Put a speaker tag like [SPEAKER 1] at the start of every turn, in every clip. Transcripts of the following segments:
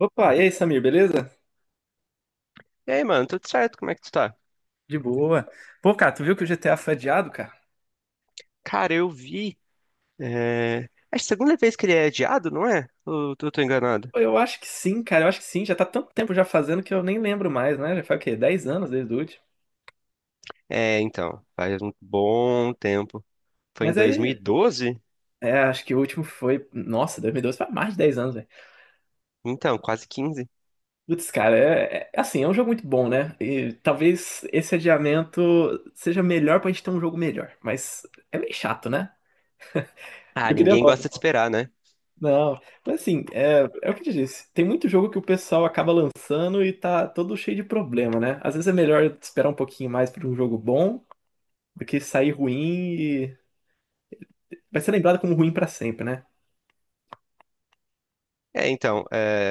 [SPEAKER 1] Opa, e aí, Samir, beleza?
[SPEAKER 2] E aí, mano, tudo certo? Como é que tu tá?
[SPEAKER 1] De boa. Pô, cara, tu viu que o GTA foi adiado, cara?
[SPEAKER 2] Cara, eu vi. É... É a segunda vez que ele é adiado, não é? Ou eu tô enganado?
[SPEAKER 1] Pô, eu acho que sim, cara, eu acho que sim. Já tá tanto tempo já fazendo que eu nem lembro mais, né? Já foi o quê? 10 anos desde o último.
[SPEAKER 2] É, então, faz um bom tempo. Foi em
[SPEAKER 1] Mas aí,
[SPEAKER 2] 2012?
[SPEAKER 1] é, acho que o último foi. Nossa, 2012 foi há mais de 10 anos, velho.
[SPEAKER 2] Então, quase 15.
[SPEAKER 1] Putz, cara, é assim, é um jogo muito bom, né? E talvez esse adiamento seja melhor pra gente ter um jogo melhor. Mas é meio chato, né?
[SPEAKER 2] Ah,
[SPEAKER 1] Eu queria
[SPEAKER 2] ninguém
[SPEAKER 1] logo.
[SPEAKER 2] gosta de esperar, né?
[SPEAKER 1] Não, mas assim, é o que eu te disse. Tem muito jogo que o pessoal acaba lançando e tá todo cheio de problema, né? Às vezes é melhor esperar um pouquinho mais pra um jogo bom do que sair ruim e vai ser lembrado como ruim pra sempre, né?
[SPEAKER 2] É, então, é,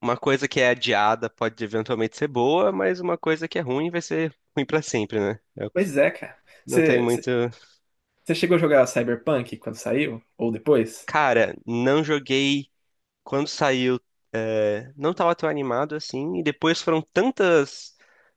[SPEAKER 2] uma coisa que é adiada pode eventualmente ser boa, mas uma coisa que é ruim vai ser ruim pra sempre, né? Eu
[SPEAKER 1] Pois é, cara.
[SPEAKER 2] não tem
[SPEAKER 1] Você
[SPEAKER 2] muito.
[SPEAKER 1] você- você chegou a jogar Cyberpunk quando saiu? Ou depois?
[SPEAKER 2] Cara, não joguei quando saiu, não estava tão animado assim, e depois foram tantas.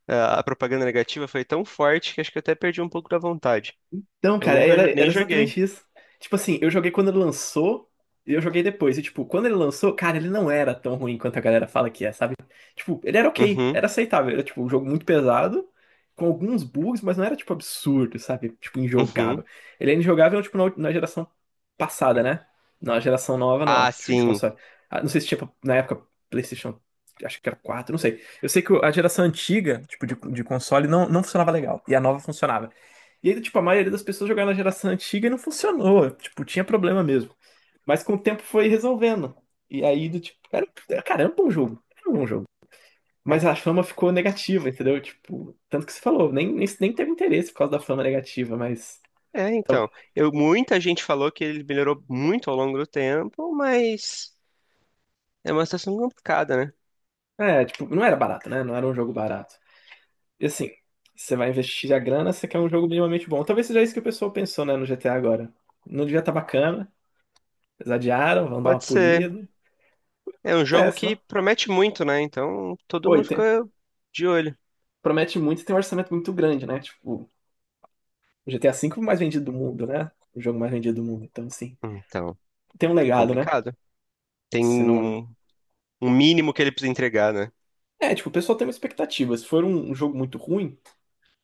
[SPEAKER 2] A propaganda negativa foi tão forte que acho que eu até perdi um pouco da vontade.
[SPEAKER 1] Então,
[SPEAKER 2] Eu
[SPEAKER 1] cara,
[SPEAKER 2] nunca jo-
[SPEAKER 1] era
[SPEAKER 2] nem joguei.
[SPEAKER 1] exatamente isso. Tipo assim, eu joguei quando ele lançou e eu joguei depois. E, tipo, quando ele lançou, cara, ele não era tão ruim quanto a galera fala que é, sabe? Tipo, ele era ok,
[SPEAKER 2] Uhum,
[SPEAKER 1] era aceitável. Era, tipo, um jogo muito pesado, com alguns bugs, mas não era, tipo, absurdo, sabe? Tipo,
[SPEAKER 2] uhum.
[SPEAKER 1] injogável. Ele é injogável, tipo, na geração passada, né? Na geração nova, não,
[SPEAKER 2] Ah,
[SPEAKER 1] tipo, de
[SPEAKER 2] sim.
[SPEAKER 1] console. Ah, não sei se tinha, na época, PlayStation, acho que era 4, não sei. Eu sei que a geração antiga, tipo, de console, não funcionava legal. E a nova funcionava. E aí, tipo, a maioria das pessoas jogaram na geração antiga e não funcionou. Tipo, tinha problema mesmo. Mas com o tempo foi resolvendo. E aí, do tipo, era, era- cara, era um bom jogo. Era um bom jogo. Mas a fama ficou negativa, entendeu? Tipo, tanto que você falou, nem teve interesse por causa da fama negativa, mas.
[SPEAKER 2] É,
[SPEAKER 1] tal-
[SPEAKER 2] então. Eu, muita gente falou que ele melhorou muito ao longo do tempo, mas é uma situação complicada, né?
[SPEAKER 1] É, tipo, não era barato, né? Não era um jogo barato. E assim, você vai investir a grana, você quer um jogo minimamente bom. Talvez seja isso que o pessoal pensou, né, no GTA agora. Não devia estar bacana, eles adiaram, vão dar uma
[SPEAKER 2] Pode ser.
[SPEAKER 1] polida.
[SPEAKER 2] É um jogo
[SPEAKER 1] Acontece,
[SPEAKER 2] que
[SPEAKER 1] não?
[SPEAKER 2] promete muito, né? Então todo mundo
[SPEAKER 1] Oi, tem,
[SPEAKER 2] fica de olho.
[SPEAKER 1] promete muito e tem um orçamento muito grande, né? Tipo, o GTA V é o mais vendido do mundo, né? O jogo mais vendido do mundo. Então, assim,
[SPEAKER 2] Então,
[SPEAKER 1] tem um legado, né?
[SPEAKER 2] complicado. Tem
[SPEAKER 1] Se não.
[SPEAKER 2] um, um mínimo que ele precisa entregar, né?
[SPEAKER 1] É, tipo, o pessoal tem uma expectativa. Se for um jogo muito ruim,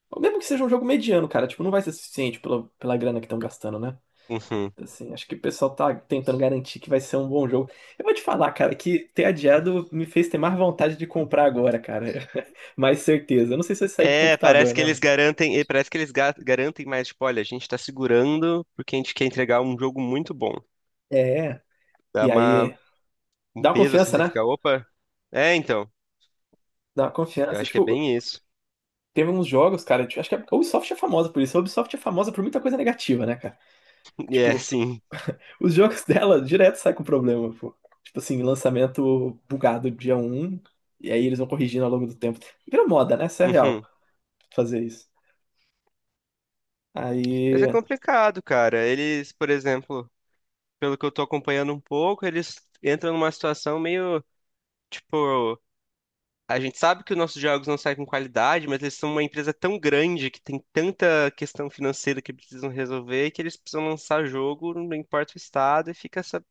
[SPEAKER 1] ou mesmo que seja um jogo mediano, cara, tipo, não vai ser suficiente pela grana que estão gastando, né?
[SPEAKER 2] Uhum.
[SPEAKER 1] Assim, acho que o pessoal tá tentando garantir que vai ser um bom jogo. Eu vou te falar, cara, que ter adiado me fez ter mais vontade de comprar agora, cara. mais certeza. Eu não sei se vai sair pro
[SPEAKER 2] É, parece
[SPEAKER 1] computador,
[SPEAKER 2] que
[SPEAKER 1] né?
[SPEAKER 2] eles
[SPEAKER 1] mano?
[SPEAKER 2] garantem, e parece que garantem mais, tipo, olha, a gente tá segurando porque a gente quer entregar um jogo muito bom.
[SPEAKER 1] É,
[SPEAKER 2] Dá
[SPEAKER 1] e
[SPEAKER 2] uma,
[SPEAKER 1] aí.
[SPEAKER 2] um
[SPEAKER 1] Dá uma
[SPEAKER 2] peso assim,
[SPEAKER 1] confiança,
[SPEAKER 2] você
[SPEAKER 1] né?
[SPEAKER 2] fica, opa. É, então,
[SPEAKER 1] Dá uma
[SPEAKER 2] eu
[SPEAKER 1] confiança.
[SPEAKER 2] acho que é
[SPEAKER 1] Tipo,
[SPEAKER 2] bem isso.
[SPEAKER 1] teve uns jogos, cara, tipo, acho que a Ubisoft é famosa por isso. A Ubisoft é famosa por muita coisa negativa, né, cara?
[SPEAKER 2] E é,
[SPEAKER 1] Tipo,
[SPEAKER 2] sim.
[SPEAKER 1] os jogos dela direto saem com problema, pô. Tipo assim, lançamento bugado dia um e aí eles vão corrigindo ao longo do tempo. Vira moda, né? Isso é real,
[SPEAKER 2] Uhum.
[SPEAKER 1] fazer isso.
[SPEAKER 2] Mas
[SPEAKER 1] Aí,
[SPEAKER 2] é complicado, cara. Eles, por exemplo, pelo que eu tô acompanhando um pouco, eles entram numa situação meio, tipo, a gente sabe que os nossos jogos não saem com qualidade, mas eles são uma empresa tão grande que tem tanta questão financeira que precisam resolver que eles precisam lançar jogo, não importa o estado, e fica essa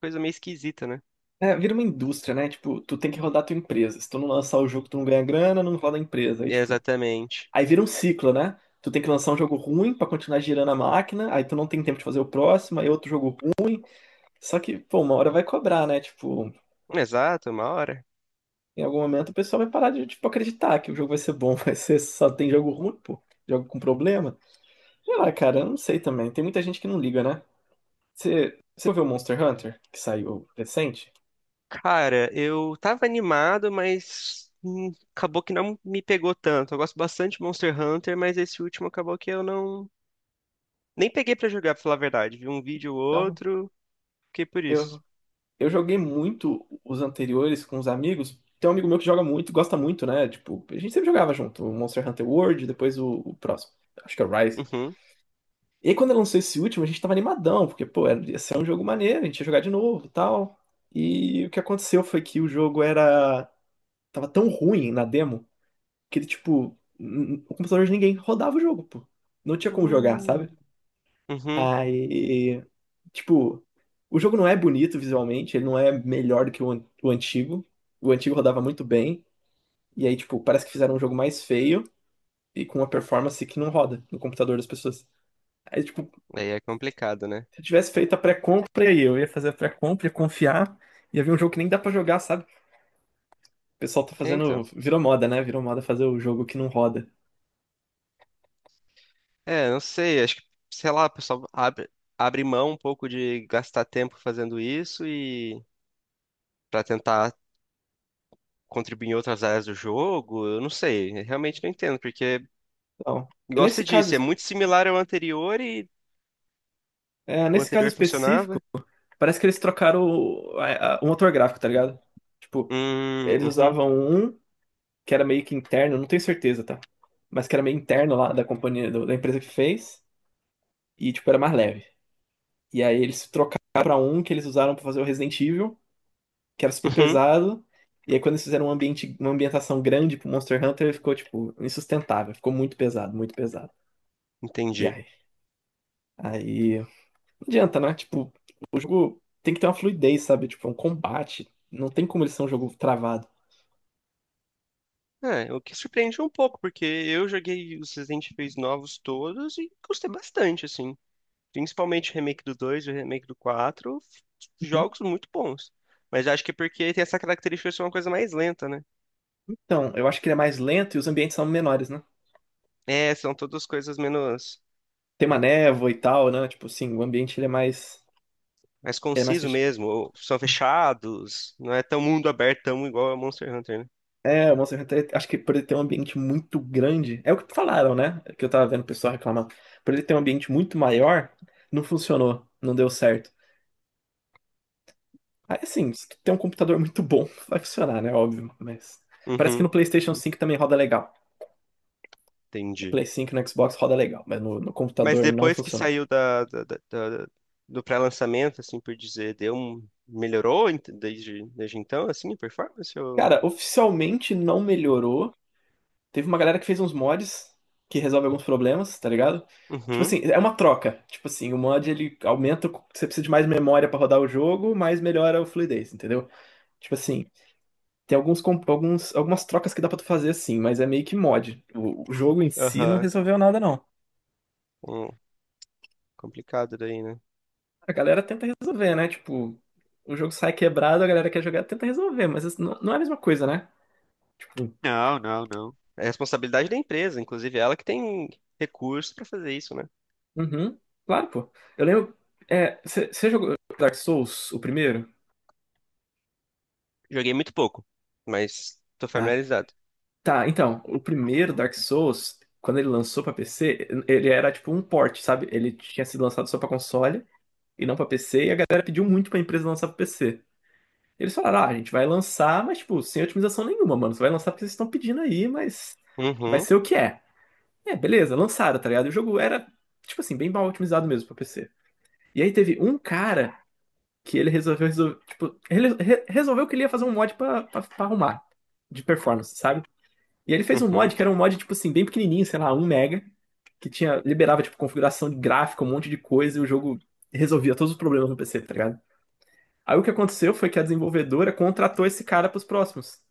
[SPEAKER 2] coisa meio esquisita, né?
[SPEAKER 1] é, vira uma indústria, né? Tipo, tu tem que rodar a tua empresa. Se tu não lançar o jogo, tu não ganha grana, não roda a empresa. Aí, tipo,
[SPEAKER 2] Exatamente.
[SPEAKER 1] aí vira um ciclo, né? Tu tem que lançar um jogo ruim pra continuar girando a máquina, aí tu não tem tempo de fazer o próximo, aí outro jogo ruim. Só que, pô, uma hora vai cobrar, né? Tipo,
[SPEAKER 2] Exato, uma hora.
[SPEAKER 1] em algum momento o pessoal vai parar de, tipo, acreditar que o jogo vai ser bom, vai ser só tem jogo ruim, pô. Jogo com problema. Sei lá, cara, eu não sei também. Tem muita gente que não liga, né? Você viu o Monster Hunter, que saiu recente?
[SPEAKER 2] Cara, eu tava animado, mas acabou que não me pegou tanto. Eu gosto bastante de Monster Hunter, mas esse último acabou que eu não nem peguei pra jogar, pra falar a verdade. Vi um vídeo ou
[SPEAKER 1] Então,
[SPEAKER 2] outro, fiquei por
[SPEAKER 1] eu,
[SPEAKER 2] isso.
[SPEAKER 1] eu joguei muito os anteriores com os amigos. Tem um amigo meu que joga muito, gosta muito, né? Tipo, a gente sempre jogava junto. O Monster Hunter World, depois o próximo. Acho que é o Rise.
[SPEAKER 2] Uhum.
[SPEAKER 1] E aí, quando lançou esse último, a gente tava animadão, porque, pô, ia ser um jogo maneiro, a gente ia jogar de novo e tal. E o que aconteceu foi que o jogo era. Tava tão ruim na demo que ele, tipo, o computador de ninguém rodava o jogo, pô. Não tinha como jogar,
[SPEAKER 2] Hum.
[SPEAKER 1] sabe?
[SPEAKER 2] Uhum.
[SPEAKER 1] Aí, tipo, o jogo não é bonito visualmente, ele não é melhor do que o antigo. O antigo rodava muito bem, e aí, tipo, parece que fizeram um jogo mais feio e com uma performance que não roda no computador das pessoas. Aí, tipo,
[SPEAKER 2] Aí é complicado, né?
[SPEAKER 1] se eu tivesse feito a pré-compra aí, eu ia fazer a pré-compra, ia confiar, ia ver um jogo que nem dá pra jogar, sabe? O pessoal tá
[SPEAKER 2] É,
[SPEAKER 1] fazendo.
[SPEAKER 2] então.
[SPEAKER 1] Virou moda, né? Virou moda fazer o jogo que não roda.
[SPEAKER 2] É, não sei, acho que, sei lá, abre mão um pouco de gastar tempo fazendo isso e pra tentar contribuir em outras áreas do jogo, eu não sei, eu realmente não entendo, porque,
[SPEAKER 1] Então,
[SPEAKER 2] igual você
[SPEAKER 1] nesse caso,
[SPEAKER 2] disse, é muito similar ao anterior e
[SPEAKER 1] é,
[SPEAKER 2] o
[SPEAKER 1] nesse caso
[SPEAKER 2] anterior
[SPEAKER 1] específico,
[SPEAKER 2] funcionava.
[SPEAKER 1] parece que eles trocaram o motor gráfico, tá ligado? Tipo, eles
[SPEAKER 2] Uhum,
[SPEAKER 1] usavam um que era meio que interno, não tenho certeza, tá? Mas que era meio interno lá da companhia, da empresa que fez, e tipo, era mais leve. E aí eles trocaram pra um que eles usaram pra fazer o Resident Evil, que era super
[SPEAKER 2] uhum,
[SPEAKER 1] pesado. E aí quando eles fizeram um ambiente, uma ambientação grande pro Monster Hunter, ficou, tipo, insustentável. Ficou muito pesado, muito pesado. E
[SPEAKER 2] entendi.
[SPEAKER 1] aí? Aí não adianta, né? Tipo, o jogo tem que ter uma fluidez, sabe? Tipo, é um combate. Não tem como ele ser um jogo travado.
[SPEAKER 2] É, o que surpreende um pouco, porque eu joguei os Resident Evil novos todos e gostei bastante, assim. Principalmente o remake do 2, e o remake do 4,
[SPEAKER 1] Uhum.
[SPEAKER 2] jogos muito bons. Mas eu acho que é porque tem essa característica de ser uma coisa mais lenta, né?
[SPEAKER 1] Então, eu acho que ele é mais lento e os ambientes são menores, né?
[SPEAKER 2] É, são todas coisas menos,
[SPEAKER 1] Tem uma névoa e tal, né? Tipo, assim, o ambiente ele é mais.
[SPEAKER 2] mais
[SPEAKER 1] Ele é mais
[SPEAKER 2] conciso
[SPEAKER 1] fechado.
[SPEAKER 2] mesmo, ou são fechados, não é tão mundo aberto, tão igual a Monster Hunter, né?
[SPEAKER 1] É, o Monster Hunter, acho que por ele ter um ambiente muito grande. É o que falaram, né? Que eu tava vendo o pessoal reclamar. Por ele ter um ambiente muito maior, não funcionou. Não deu certo. Aí, assim, se tu tem um computador muito bom, vai funcionar, né? Óbvio. Mas. Parece que no
[SPEAKER 2] Uhum,
[SPEAKER 1] PlayStation 5 também roda legal.
[SPEAKER 2] entendi.
[SPEAKER 1] Play 5 no Xbox roda legal, mas no
[SPEAKER 2] Mas
[SPEAKER 1] computador não
[SPEAKER 2] depois que
[SPEAKER 1] funcionou.
[SPEAKER 2] saiu da- do pré-lançamento, assim por dizer, deu um, melhorou desde, desde então, assim, a performance? Ou...
[SPEAKER 1] Cara, oficialmente não melhorou. Teve uma galera que fez uns mods que resolve alguns problemas, tá ligado? Tipo
[SPEAKER 2] Uhum,
[SPEAKER 1] assim, é uma troca. Tipo assim, o mod ele aumenta, você precisa de mais memória pra rodar o jogo, mas melhora o fluidez, entendeu? Tipo assim, tem alguns, algumas trocas que dá pra tu fazer assim, mas é meio que mod. O jogo em si não
[SPEAKER 2] aham.
[SPEAKER 1] resolveu nada, não.
[SPEAKER 2] Hum, complicado daí, né?
[SPEAKER 1] A galera tenta resolver, né? Tipo, o jogo sai quebrado, a galera quer jogar, tenta resolver, mas isso não é a mesma coisa, né? Tipo,
[SPEAKER 2] Não, não, não. É responsabilidade da empresa, inclusive ela que tem recursos pra fazer isso, né?
[SPEAKER 1] uhum. Claro, pô. Eu lembro. É, você jogou Dark Souls, o primeiro?
[SPEAKER 2] Joguei muito pouco, mas tô
[SPEAKER 1] Tá.
[SPEAKER 2] familiarizado.
[SPEAKER 1] Tá, então, o primeiro Dark Souls, quando ele lançou pra PC, ele era tipo um port, sabe? Ele tinha sido lançado só pra console e não pra PC, e a galera pediu muito pra empresa lançar pra PC. Eles falaram, ah, a gente vai lançar, mas tipo, sem otimização nenhuma, mano. Você vai lançar porque vocês estão pedindo aí, mas vai
[SPEAKER 2] Uhum,
[SPEAKER 1] ser o que é. É, beleza, lançaram, tá ligado? E o jogo era, tipo assim, bem mal otimizado mesmo pra PC. E aí teve um cara que ele resolveu tipo, ele resolveu que ele ia fazer um mod pra, arrumar, de performance, sabe? E ele fez um mod
[SPEAKER 2] uhum.
[SPEAKER 1] que era um mod, tipo assim, bem pequenininho, sei lá, um mega, que tinha, liberava, tipo, configuração de gráfico, um monte de coisa, e o jogo resolvia todos os problemas no PC, tá ligado? Aí o que aconteceu foi que a desenvolvedora contratou esse cara pros próximos.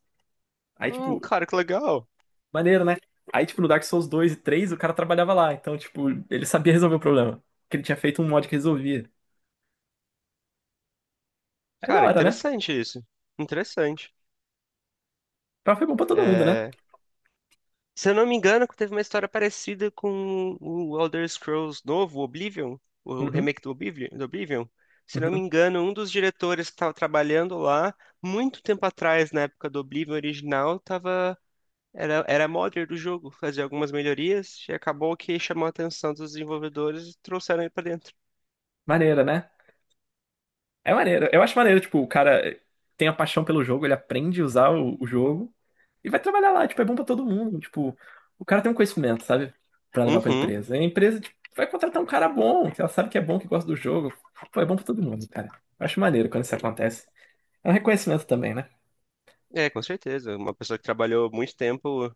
[SPEAKER 1] Aí, tipo,
[SPEAKER 2] Cara, que legal.
[SPEAKER 1] maneiro, né? Aí, tipo, no Dark Souls 2 e 3 o cara trabalhava lá, então, tipo, ele sabia resolver o problema. Porque ele tinha feito um mod que resolvia. É da
[SPEAKER 2] Cara,
[SPEAKER 1] hora, né?
[SPEAKER 2] interessante isso. Interessante.
[SPEAKER 1] Então foi bom pra todo mundo, né?
[SPEAKER 2] É, se eu não me engano, teve uma história parecida com o Elder Scrolls novo, Oblivion, o
[SPEAKER 1] Uhum.
[SPEAKER 2] remake do Oblivion, do Oblivion. Se não me engano, um dos diretores que estava trabalhando lá, muito tempo atrás, na época do Oblivion original, estava era, era modder do jogo, fazia algumas melhorias e acabou que chamou a atenção dos desenvolvedores e trouxeram ele pra dentro.
[SPEAKER 1] Maneira, né? É maneiro. Eu acho maneiro, tipo, o cara tem a paixão pelo jogo, ele aprende a usar o jogo e vai trabalhar lá. Tipo, é bom pra todo mundo. Tipo, o cara tem um conhecimento, sabe? Pra levar pra
[SPEAKER 2] Uhum.
[SPEAKER 1] empresa. E a empresa, tipo, vai contratar um cara bom, que ela sabe que é bom, que gosta do jogo. Pô, é bom pra todo mundo, cara. Eu acho maneiro quando isso acontece. É um reconhecimento também, né?
[SPEAKER 2] É, com certeza. Uma pessoa que trabalhou muito tempo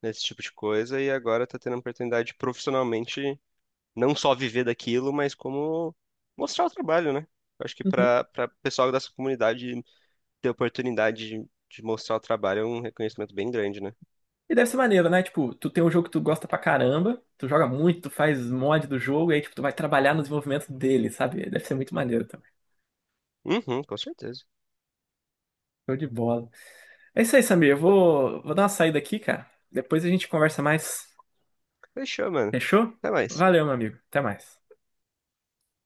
[SPEAKER 2] nesse tipo de coisa e agora tá tendo a oportunidade de profissionalmente não só viver daquilo, mas como mostrar o trabalho, né? Eu acho que
[SPEAKER 1] Uhum.
[SPEAKER 2] para pessoal dessa comunidade ter a oportunidade de mostrar o trabalho é um reconhecimento bem grande, né?
[SPEAKER 1] E deve ser maneiro, né? Tipo, tu tem um jogo que tu gosta pra caramba, tu joga muito, tu faz mod do jogo, e aí, tipo, tu vai trabalhar no desenvolvimento dele, sabe? Deve ser muito maneiro também.
[SPEAKER 2] Uhum, com certeza.
[SPEAKER 1] Show de bola. É isso aí, Samir. Eu vou dar uma saída aqui, cara. Depois a gente conversa mais.
[SPEAKER 2] Fechou, mano.
[SPEAKER 1] Fechou?
[SPEAKER 2] Até mais.
[SPEAKER 1] Valeu, meu amigo. Até mais.